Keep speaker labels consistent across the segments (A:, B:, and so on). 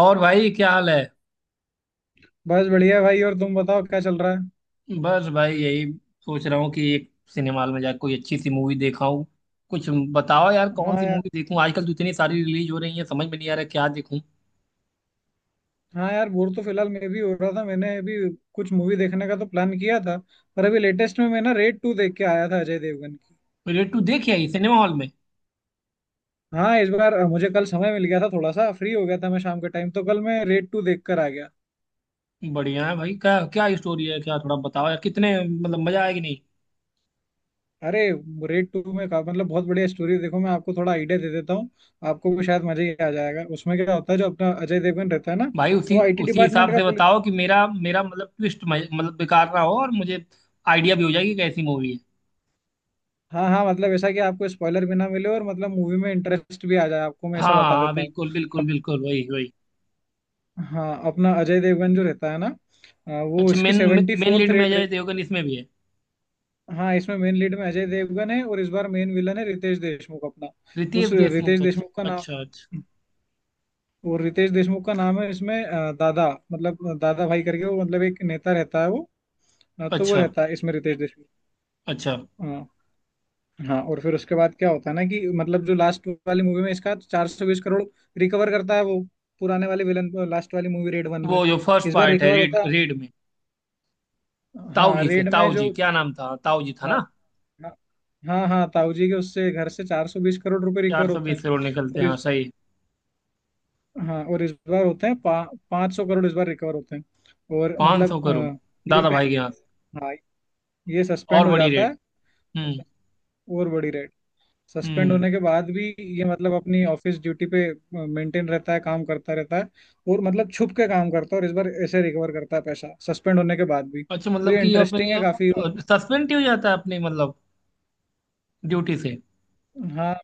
A: और भाई, क्या हाल है?
B: बस बढ़िया भाई। और तुम बताओ क्या चल रहा है?
A: बस भाई, यही सोच रहा हूँ कि एक सिनेमा हॉल में जाकर कोई अच्छी सी मूवी देखा हूँ कुछ। बताओ यार, कौन
B: हाँ
A: सी
B: यार।
A: मूवी देखूँ? आजकल तो इतनी सारी रिलीज हो रही है, समझ में नहीं आ रहा क्या देखूँ।
B: हाँ यार, बोर तो फिलहाल मैं भी हो रहा था। मैंने अभी कुछ मूवी देखने का तो प्लान किया था, पर अभी लेटेस्ट में मैं ना रेड टू देख के आया था, अजय देवगन की।
A: रेड टू देखी आई सिनेमा हॉल में?
B: हाँ इस बार मुझे कल समय मिल गया था, थोड़ा सा फ्री हो गया था मैं शाम के टाइम, तो कल मैं रेड टू देख कर आ गया।
A: बढ़िया है भाई। क्या क्या स्टोरी है? क्या थोड़ा बताओ यार, कितने मतलब मजा आएगी नहीं?
B: अरे, रेड टू में का मतलब बहुत बढ़िया स्टोरी। देखो मैं आपको थोड़ा आइडिया दे देता हूँ, आपको भी शायद मजा ही आ जाएगा। उसमें क्या होता है, जो अपना अजय देवगन रहता है ना,
A: भाई, उसी
B: वो आईटी
A: उसी
B: डिपार्टमेंट
A: हिसाब
B: का।
A: से बताओ कि मेरा मेरा मतलब ट्विस्ट मतलब बेकार ना हो, और मुझे आइडिया भी हो जाएगी कि कैसी मूवी है।
B: हाँ, हाँ, मतलब ऐसा कि आपको स्पॉइलर भी ना मिले और मतलब मूवी में इंटरेस्ट भी आ जाए आपको, मैं ऐसा
A: हाँ
B: बता
A: हाँ,
B: देता हूँ।
A: बिल्कुल बिल्कुल बिल्कुल, वही वही।
B: हाँ अपना अजय देवगन जो रहता है ना, वो
A: अच्छा,
B: इसकी
A: main
B: seventy
A: main
B: fourth
A: lead में
B: रेट।
A: अजय देवगन इसमें भी है?
B: हाँ इसमें मेन लीड में अजय देवगन है और इस बार मेन विलन है रितेश देशमुख अपना।
A: रितेश
B: उस रितेश
A: देशमुख? अच्छा
B: देशमुख का नाम,
A: अच्छा।
B: और रितेश देशमुख का नाम है इसमें दादा, मतलब दादा भाई करके, वो मतलब एक नेता रहता है वो।
A: अच्छा
B: तो वो
A: अच्छा।
B: रहता है इसमें रितेश देशमुख।
A: अच्छा।
B: हाँ। हाँ और फिर उसके बाद क्या होता है ना, कि मतलब जो लास्ट वाली मूवी में इसका 420 करोड़ रिकवर करता है वो, पुराने वाले विलन, लास्ट वाली मूवी रेड वन में।
A: वो जो फर्स्ट
B: इस बार
A: पार्ट है,
B: रिकवर
A: रीड
B: होता।
A: रीड में? ताऊ
B: हाँ
A: जी से,
B: रेड में
A: ताऊ
B: जो,
A: जी क्या नाम था? ताऊ जी था
B: हाँ।
A: ना?
B: हाँ। हाँ हाँ ताऊ जी के उससे घर से 420 करोड़ रुपए
A: चार
B: रिकवर
A: सौ
B: होते हैं।
A: बीस करोड़ निकलते
B: और
A: हैं? हाँ,
B: इस,
A: सही है।
B: हाँ, और इस बार होते हैं 500 करोड़, इस बार रिकवर होते हैं। और
A: पाँच
B: मतलब
A: सौ करोड़
B: ये
A: दादा भाई
B: पहले,
A: के यहाँ से।
B: हाँ, ये
A: और
B: सस्पेंड हो
A: बड़ी
B: जाता
A: रेड।
B: है।
A: हम्म।
B: और बड़ी रेड, सस्पेंड
A: हम्म।
B: होने के बाद भी ये मतलब अपनी ऑफिस ड्यूटी पे मेंटेन रहता है, काम करता रहता है। और मतलब छुप के काम करता है, और इस बार ऐसे रिकवर करता है पैसा सस्पेंड होने के बाद भी।
A: अच्छा
B: तो
A: मतलब
B: ये
A: कि अपने
B: इंटरेस्टिंग है काफी। और
A: सस्पेंड ही हो जाता है, अपनी मतलब ड्यूटी से?
B: हाँ,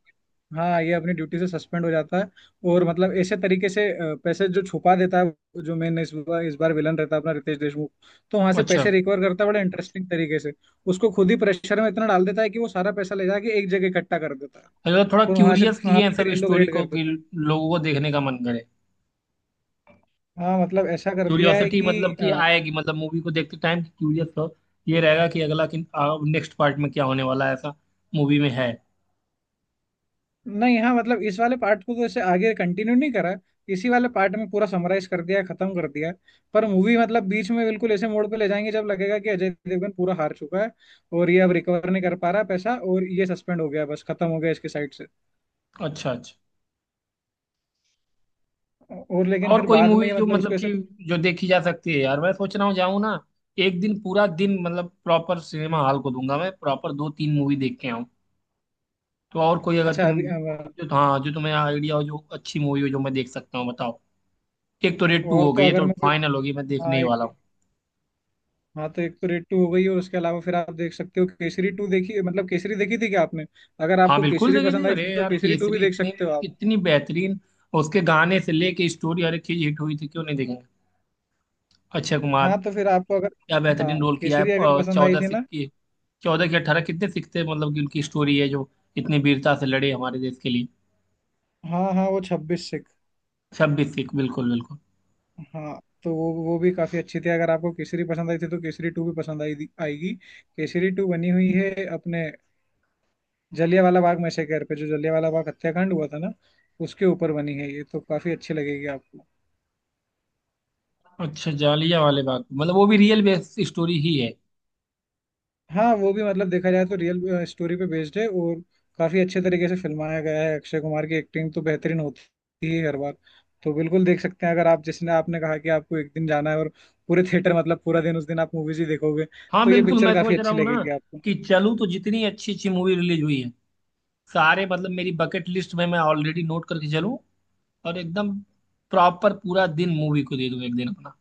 B: हाँ, ये अपनी ड्यूटी से सस्पेंड हो जाता है। और मतलब ऐसे तरीके से पैसे जो छुपा देता है, जो मेन इस बार विलन रहता है अपना रितेश देशमुख, तो वहां से
A: अच्छा
B: पैसे रिकवर करता है बड़े इंटरेस्टिंग तरीके से। उसको खुद ही प्रेशर में इतना डाल देता है कि वो सारा पैसा ले जाके एक जगह इकट्ठा कर देता है,
A: अच्छा। थोड़ा
B: और वहां से
A: क्यूरियस
B: वहां
A: किए हैं
B: पे फिर
A: सब
B: ये लोग
A: स्टोरी
B: रेड
A: को
B: कर
A: कि
B: देते हैं।
A: लोगों को देखने का मन करे।
B: हाँ मतलब ऐसा कर दिया है
A: क्यूरियोसिटी
B: कि
A: मतलब कि आएगी, मतलब मूवी को देखते टाइम क्यूरियस हो, ये रहेगा कि अगला किन नेक्स्ट पार्ट में क्या होने वाला है, ऐसा मूवी में है?
B: नहीं, हाँ, मतलब इस वाले पार्ट को तो ऐसे आगे कंटिन्यू नहीं करा, इसी वाले पार्ट में पूरा समराइज कर दिया, खत्म कर दिया। पर मूवी मतलब बीच में बिल्कुल ऐसे मोड़ पे ले जाएंगे जब लगेगा कि अजय देवगन पूरा हार चुका है, और ये अब रिकवर नहीं कर पा रहा पैसा और ये सस्पेंड हो गया, बस खत्म हो गया इसके साइड से।
A: अच्छा अच्छा।
B: और लेकिन
A: और
B: फिर
A: कोई
B: बाद में
A: मूवी
B: ये
A: जो
B: मतलब
A: मतलब
B: उसको
A: कि
B: ऐसे।
A: जो देखी जा सकती है यार? मैं सोच रहा हूँ, जाऊँ ना। एक दिन, पूरा दिन मतलब प्रॉपर सिनेमा हॉल को दूंगा मैं, प्रॉपर दो तीन मूवी देख के आऊँ। तो और कोई, अगर
B: अच्छा
A: तुम
B: अभी
A: जो, हाँ, जो तुम्हें आइडिया हो, जो अच्छी मूवी हो जो मैं देख सकता हूँ, बताओ। एक तो रेड टू
B: और
A: हो
B: तो
A: गई, ये
B: अगर
A: तो
B: मैं कोई,
A: फाइनल होगी, मैं देखने
B: हाँ
A: ही वाला
B: एक,
A: हूँ।
B: हाँ तो एक तो रेड टू हो गई, और उसके अलावा फिर आप देख सकते हो केसरी टू। देखी, मतलब केसरी देखी थी क्या आपने? अगर
A: हाँ
B: आपको
A: बिल्कुल,
B: केसरी
A: देखे थे।
B: पसंद आई
A: अरे
B: थी तो
A: यार
B: केसरी टू
A: केसरी
B: भी देख
A: इतनी
B: सकते हो आप।
A: इतनी बेहतरीन! उसके गाने से लेके स्टोरी, हर एक चीज हिट हुई थी, क्यों नहीं देखेंगे। अक्षय कुमार!
B: हाँ तो फिर आपको अगर,
A: क्या
B: हाँ
A: बेहतरीन रोल किया
B: केसरी अगर
A: है।
B: पसंद आई
A: चौदह
B: थी
A: सिख
B: ना,
A: की। 14 की 18, कितने सिख थे मतलब कि, उनकी स्टोरी है जो इतनी वीरता से लड़े हमारे देश के लिए।
B: हाँ हाँ वो 26 सिख।
A: 26 सिख, बिल्कुल बिल्कुल।
B: हाँ तो वो भी काफी अच्छी थी, अगर आपको केसरी पसंद आई थी तो केसरी टू भी पसंद आई आएगी। केसरी टू बनी हुई है अपने जलियांवाला बाग मैसेकर पे, जो जलियांवाला बाग हत्याकांड हुआ था ना, उसके ऊपर बनी है ये, तो काफी अच्छी लगेगी आपको।
A: अच्छा, जालिया वाले बात मतलब वो भी रियल बेस्ड स्टोरी ही है?
B: हाँ वो भी मतलब देखा जाए तो रियल स्टोरी पे बेस्ड है, और काफी अच्छे तरीके से फिल्माया गया है, अक्षय कुमार की एक्टिंग तो बेहतरीन होती है हर बार। तो बिल्कुल देख सकते हैं, अगर आप, जिसने आपने कहा कि आपको एक दिन जाना है और पूरे थिएटर मतलब पूरा दिन उस दिन आप मूवीज ही देखोगे,
A: हाँ
B: तो ये
A: बिल्कुल,
B: पिक्चर
A: मैं
B: काफी
A: सोच रहा
B: अच्छी
A: हूँ ना
B: लगेगी आपको।
A: कि चलूँ तो जितनी अच्छी अच्छी मूवी रिलीज हुई है, सारे मतलब मेरी बकेट लिस्ट में मैं ऑलरेडी नोट करके चलूँ, और एकदम प्रॉपर पूरा दिन मूवी को दे दूं एक दिन अपना,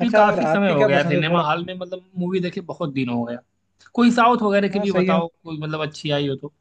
A: क्योंकि
B: अच्छा, और
A: काफी समय
B: आपकी
A: हो
B: क्या
A: गया
B: पसंद है
A: सिनेमा
B: थोड़ा?
A: हॉल में, मतलब मूवी देखे बहुत दिन हो गया। कोई साउथ वगैरह की
B: हाँ
A: भी
B: सही है।
A: बताओ, कोई मतलब अच्छी आई हो तो।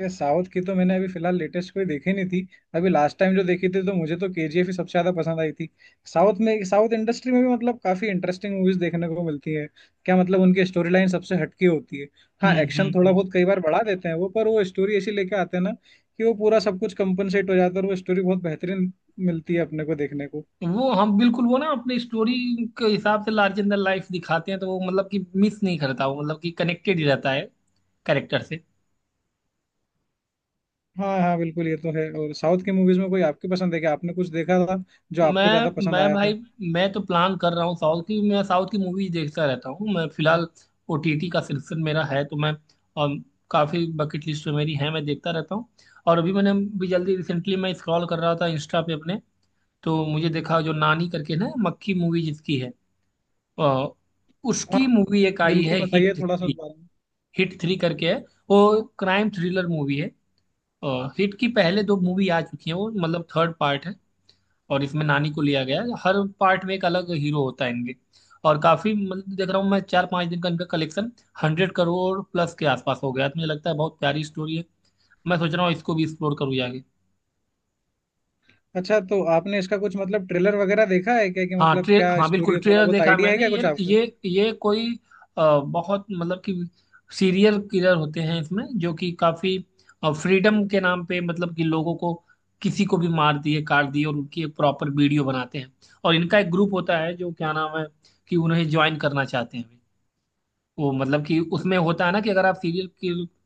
B: ये साउथ की तो मैंने अभी फिलहाल लेटेस्ट कोई देखी नहीं थी। अभी लास्ट टाइम जो देखी थी तो मुझे तो केजीएफ ही सबसे ज्यादा पसंद आई थी। साउथ में साउथ इंडस्ट्री में भी मतलब काफी इंटरेस्टिंग मूवीज देखने को मिलती है। क्या, मतलब उनकी स्टोरी लाइन सबसे हटकी होती है। हाँ
A: हम्म। हम्म।
B: एक्शन थोड़ा
A: हम्म।
B: बहुत कई बार बढ़ा देते हैं वो, पर वो स्टोरी ऐसी लेके आते हैं ना कि वो पूरा सब कुछ कंपनसेट हो जाता है, और वो स्टोरी बहुत बेहतरीन मिलती है अपने को देखने को।
A: वो हम बिल्कुल, वो ना अपनी स्टोरी के हिसाब से लार्जर देन लाइफ दिखाते हैं, तो वो मतलब कि मिस नहीं करता, वो मतलब कि कनेक्टेड ही रहता है कैरेक्टर से।
B: हाँ हाँ बिल्कुल, ये तो है। और साउथ की मूवीज में कोई आपकी पसंद है क्या? आपने कुछ देखा था जो आपको ज्यादा
A: मैं
B: पसंद
A: मैं
B: आया
A: भाई,
B: था?
A: मैं तो प्लान कर रहा हूँ साउथ की, मैं साउथ की मूवी देखता रहता हूँ मैं, फिलहाल ओटीटी का सिलेक्शन मेरा है, तो मैं अम, काफी बकेट लिस्ट में मेरी है, मैं देखता रहता हूँ। और अभी मैंने भी जल्दी रिसेंटली मैं स्क्रॉल कर रहा था इंस्टा पे अपने, तो मुझे देखा जो नानी करके ना, मक्खी मूवी जिसकी है, अ, उसकी
B: हाँ
A: मूवी एक आई
B: बिल्कुल
A: है
B: बताइए
A: हिट
B: थोड़ा सा उस
A: थ्री।
B: बारे में।
A: हिट थ्री करके है, वो क्राइम थ्रिलर मूवी है। अ, हिट की पहले दो मूवी आ चुकी हैं, वो मतलब थर्ड पार्ट है। और इसमें नानी को लिया गया है, हर पार्ट में एक अलग हीरो होता है इनके। और काफी मतलब देख रहा हूँ मैं, 4-5 दिन का इनका कलेक्शन 100 करोड़ प्लस के आसपास हो गया, तो मुझे लगता है बहुत प्यारी स्टोरी है। मैं सोच रहा हूँ इसको भी एक्सप्लोर करूँ जाके।
B: अच्छा तो आपने इसका कुछ मतलब ट्रेलर वगैरह देखा है क्या, कि
A: हाँ
B: मतलब
A: ट्रे
B: क्या
A: हाँ
B: स्टोरी
A: बिल्कुल,
B: है, थोड़ा
A: ट्रेलर
B: बहुत
A: देखा है
B: आइडिया है
A: मैंने।
B: क्या
A: ये
B: कुछ आपको?
A: ये ये कोई बहुत मतलब कि सीरियल किलर होते हैं इसमें, जो कि काफी फ्रीडम के नाम पे मतलब कि लोगों को, किसी को भी मार दिए काट दिए, और उनकी एक प्रॉपर वीडियो बनाते हैं। और इनका एक ग्रुप होता है, जो क्या नाम है, कि उन्हें ज्वाइन करना चाहते हैं। वो मतलब कि उसमें होता है ना कि अगर आप सीरियल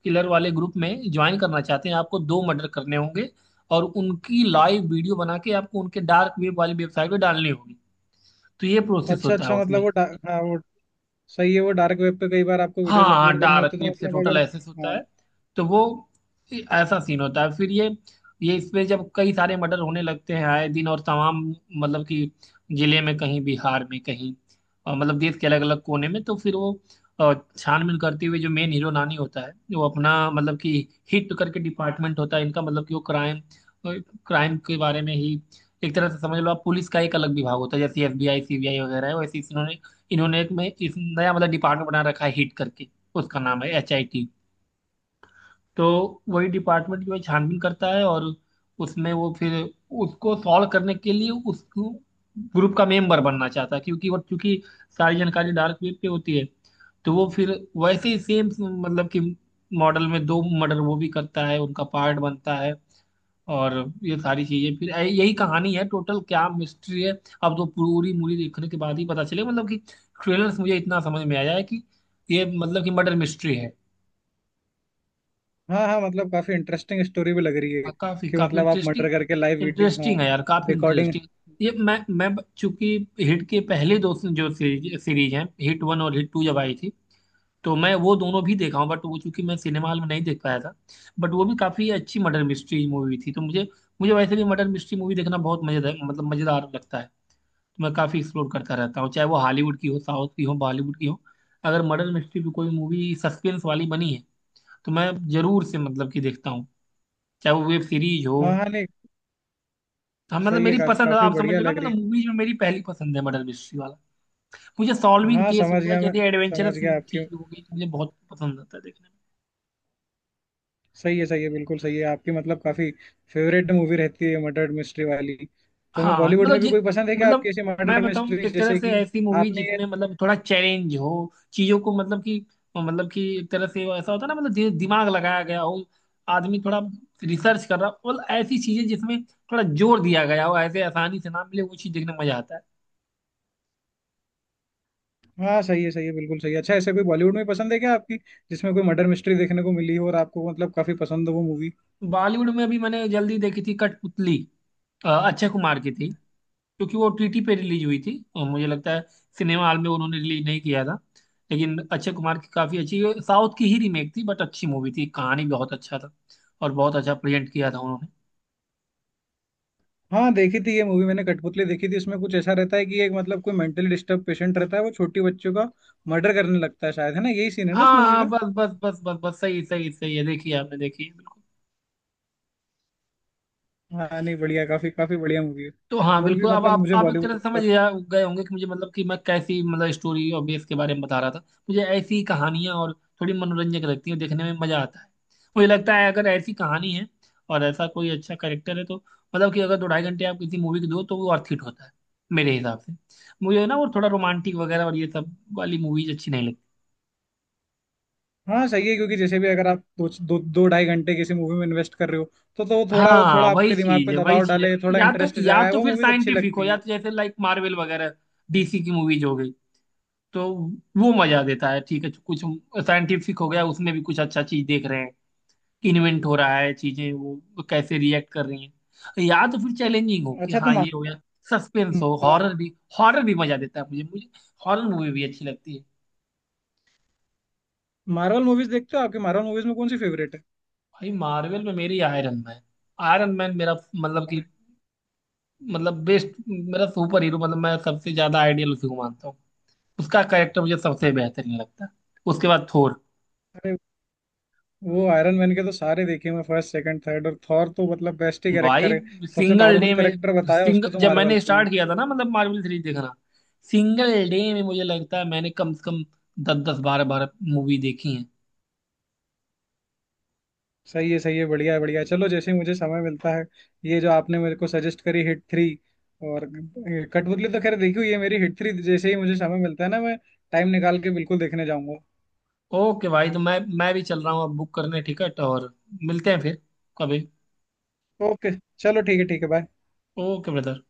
A: किलर वाले ग्रुप में ज्वाइन करना चाहते हैं, आपको दो मर्डर करने होंगे। और उनकी लाइव वीडियो बना के आपको उनके डार्क वेब वाली वेबसाइट पे डालनी होगी। तो ये प्रोसेस
B: अच्छा
A: होता है
B: अच्छा, मतलब
A: उसमें।
B: वो हाँ वो सही है, वो डार्क वेब पे कई बार आपको
A: हाँ
B: वीडियोस
A: हाँ,
B: अपलोड करने
A: डार्क
B: होते हैं,
A: वेब
B: तो
A: से
B: मतलब
A: टोटल
B: अगर,
A: एसेस होता
B: हाँ
A: है। तो वो ऐसा सीन होता है फिर, ये इसमें जब कई सारे मर्डर होने लगते हैं आए दिन और तमाम मतलब कि, जिले में, कहीं बिहार में कहीं, और मतलब देश के अलग अलग कोने में, तो फिर वो छानबीन करते हुए जो मेन हीरो नानी होता है, वो अपना मतलब कि हिट करके डिपार्टमेंट होता है इनका, मतलब कि वो क्राइम क्राइम के बारे में ही। एक तरह से समझ लो, आप पुलिस का एक अलग विभाग होता है जैसे एफबीआई सीबीआई वगैरह है, वैसे इन्होंने इन्होंने एक में इस नया मतलब डिपार्टमेंट बना रखा है हिट करके। उसका नाम है एच आई टी। तो वही डिपार्टमेंट जो है छानबीन करता है, और उसमें वो फिर, उसको सॉल्व करने के लिए उस ग्रुप का मेंबर बनना चाहता है क्योंकि वो क्योंकि सारी जानकारी डार्क वेब पे होती है। तो वो फिर वैसे ही सेम मतलब कि मॉडल में दो मर्डर वो भी करता है, उनका पार्ट बनता है। और ये सारी चीजें फिर यही कहानी है, टोटल क्या मिस्ट्री है। अब तो पूरी मूवी देखने के बाद ही पता चले मतलब कि, ट्रेलर से मुझे इतना समझ में आया है कि ये मतलब कि मर्डर मिस्ट्री है।
B: हाँ हाँ, मतलब काफी इंटरेस्टिंग स्टोरी भी लग रही है
A: और काफी
B: कि
A: काफी
B: मतलब आप मर्डर
A: इंटरेस्टिंग।
B: करके लाइव वीडियो, हाँ
A: इंटरेस्टिंग है यार, काफी
B: रिकॉर्डिंग।
A: इंटरेस्टिंग। ये मैं चूंकि हिट के पहले दो जो सीरीज सीरीज हैं, हिट वन और हिट टू जब आई थी, तो मैं वो दोनों भी देखा हूँ, बट वो चूंकि मैं सिनेमा हॉल में नहीं देख पाया था। बट वो भी काफी अच्छी मर्डर मिस्ट्री मूवी थी। तो मुझे मुझे वैसे भी मर्डर मिस्ट्री मूवी देखना बहुत मजेदार मतलब मजेदार लगता है। तो मैं काफ़ी एक्सप्लोर करता रहता हूँ, चाहे वो हॉलीवुड की हो, साउथ की हो, बॉलीवुड की हो। अगर मर्डर मिस्ट्री भी कोई मूवी सस्पेंस वाली बनी है, तो मैं जरूर से मतलब कि देखता हूँ, चाहे वो वेब सीरीज हो।
B: हाँ हाँ नहीं
A: तो हाँ, मतलब
B: सही है
A: मेरी पसंद है,
B: काफी
A: आप समझ
B: बढ़िया
A: लो ना,
B: लग
A: मतलब
B: रही
A: मूवीज में मेरी पहली पसंद है मर्डर मिस्ट्री वाला। मुझे
B: है।
A: सॉल्विंग
B: हाँ
A: केस
B: समझ
A: होता है,
B: गया मैं,
A: जैसे
B: समझ
A: एडवेंचरस
B: गया आपकी।
A: चीज होगी तो मुझे बहुत पसंद आता है देखने में।
B: सही है बिल्कुल सही है आपकी, मतलब काफी फेवरेट मूवी रहती है मर्डर मिस्ट्री वाली। तो मैं,
A: हाँ
B: बॉलीवुड
A: मतलब
B: में भी कोई पसंद है क्या आपकी
A: मतलब
B: ऐसी
A: मैं
B: मर्डर
A: बताऊं,
B: मिस्ट्री
A: एक तरह
B: जैसे
A: से
B: कि
A: ऐसी मूवी
B: आपने ये,
A: जिसमें मतलब थोड़ा चैलेंज हो। चीजों को मतलब कि एक तरह से वो ऐसा होता है ना, मतलब दिमाग लगाया गया हो, आदमी थोड़ा रिसर्च कर रहा हो, मतलब ऐसी चीजें जिसमें थोड़ा जोर दिया गया हो, ऐसे आसानी से ना मिले, वो चीज देखने में मजा आता
B: हाँ सही है बिल्कुल सही है। अच्छा ऐसे कोई बॉलीवुड में पसंद है क्या आपकी, जिसमें कोई मर्डर मिस्ट्री देखने को मिली हो और आपको मतलब काफी पसंद हो वो मूवी?
A: है। बॉलीवुड में अभी मैंने जल्दी देखी थी कठपुतली, अक्षय कुमार की थी। क्योंकि वो ओटीटी पे रिलीज हुई थी और मुझे लगता है सिनेमा हॉल में उन्होंने रिलीज नहीं किया था। लेकिन अक्षय कुमार की काफ़ी अच्छी, साउथ की ही रीमेक थी बट अच्छी मूवी थी, कहानी बहुत अच्छा था, और बहुत अच्छा प्रेजेंट किया था उन्होंने।
B: हाँ देखी थी ये मूवी मैंने, कठपुतली देखी थी। इसमें कुछ ऐसा रहता है कि एक, मतलब कोई मेंटली डिस्टर्ब पेशेंट रहता है, वो छोटी बच्चों का मर्डर करने लगता है शायद, है ना, यही सीन है ना उस
A: हाँ
B: मूवी
A: हाँ,
B: का?
A: बस बस बस बस बस, सही सही सही है, देखिए आपने देखी है।
B: हाँ नहीं बढ़िया, काफी काफी बढ़िया मूवी है।
A: तो हाँ
B: और भी
A: बिल्कुल, अब
B: मतलब
A: आप
B: मुझे
A: आप एक तरह से समझ
B: बॉलीवुड,
A: गए होंगे कि मुझे मतलब कि मैं कैसी मतलब स्टोरी और बेस के बारे में बता रहा था। मुझे ऐसी कहानियां और थोड़ी मनोरंजक लगती हैं, देखने में मजा आता है। मुझे लगता है अगर ऐसी कहानी है और ऐसा कोई अच्छा कैरेक्टर है, तो मतलब कि अगर दो ढाई घंटे आप किसी मूवी को दो तो वो अर्थ हिट होता है मेरे हिसाब से। मुझे ना वो थोड़ा रोमांटिक वगैरह और ये सब वाली मूवीज अच्छी नहीं लगती।
B: हाँ सही है, क्योंकि जैसे भी अगर आप दो दो दो ढाई घंटे किसी मूवी में इन्वेस्ट कर रहे हो तो वो थोड़ा, वो
A: हाँ
B: थोड़ा
A: वही
B: आपके दिमाग
A: चीज
B: पे
A: है, वही
B: दबाव
A: चीज है।
B: डाले, थोड़ा
A: या तो
B: इंटरेस्ट
A: या
B: जगाए,
A: तो
B: वो
A: फिर
B: मूवीज अच्छी
A: साइंटिफिक हो,
B: लगती
A: या
B: हैं।
A: तो जैसे लाइक मार्वल वगैरह डीसी की मूवीज हो गई, तो वो मजा देता है। ठीक है, कुछ साइंटिफिक हो गया उसमें भी, कुछ अच्छा चीज देख रहे हैं, इन्वेंट हो रहा है चीजें, वो कैसे रिएक्ट कर रही हैं, या तो फिर चैलेंजिंग हो कि
B: अच्छा तो
A: हाँ
B: मा,
A: ये हो गया, सस्पेंस हो,
B: मा,
A: हॉरर भी। हॉरर भी मजा देता है मुझे मुझे हॉरर मूवी भी अच्छी लगती है।
B: मार्वल मूवीज देखते हो? आपकी मार्वल मूवीज में कौन सी फेवरेट है?
A: भाई मार्वल में मेरी आयरन मैन, आयरन मैन मेरा मतलब कि, मतलब बेस्ट मेरा सुपर हीरो, मतलब मैं सबसे ज्यादा आइडियल उसी को मानता हूँ, उसका कैरेक्टर मुझे सबसे बेहतरीन लगता है। उसके बाद थोर।
B: अरे वो आयरन मैन के तो सारे देखे मैं, फर्स्ट सेकंड थर्ड, और थॉर तो मतलब बेस्ट ही कैरेक्टर
A: भाई
B: है, सबसे
A: सिंगल
B: पावरफुल
A: डे में
B: कैरेक्टर बताया उसको
A: सिंगल
B: तो
A: जब मैंने
B: मार्वल में।
A: स्टार्ट किया था ना मतलब मार्वल सीरीज देखना, सिंगल डे में मुझे लगता है मैंने कम से कम दस दस बारह बारह मूवी देखी हैं।
B: सही है बढ़िया है बढ़िया है। चलो जैसे ही मुझे समय मिलता है, ये जो आपने मेरे को सजेस्ट करी हिट थ्री, और कठपुतली तो खैर देखी हुई है मेरी, हिट थ्री जैसे ही मुझे समय मिलता है ना मैं टाइम निकाल के बिल्कुल देखने जाऊंगा।
A: ओके भाई, तो मैं भी चल रहा हूँ अब बुक करने टिकट, और मिलते हैं फिर कभी।
B: ओके, चलो ठीक है ठीक है, बाय।
A: Okay brother.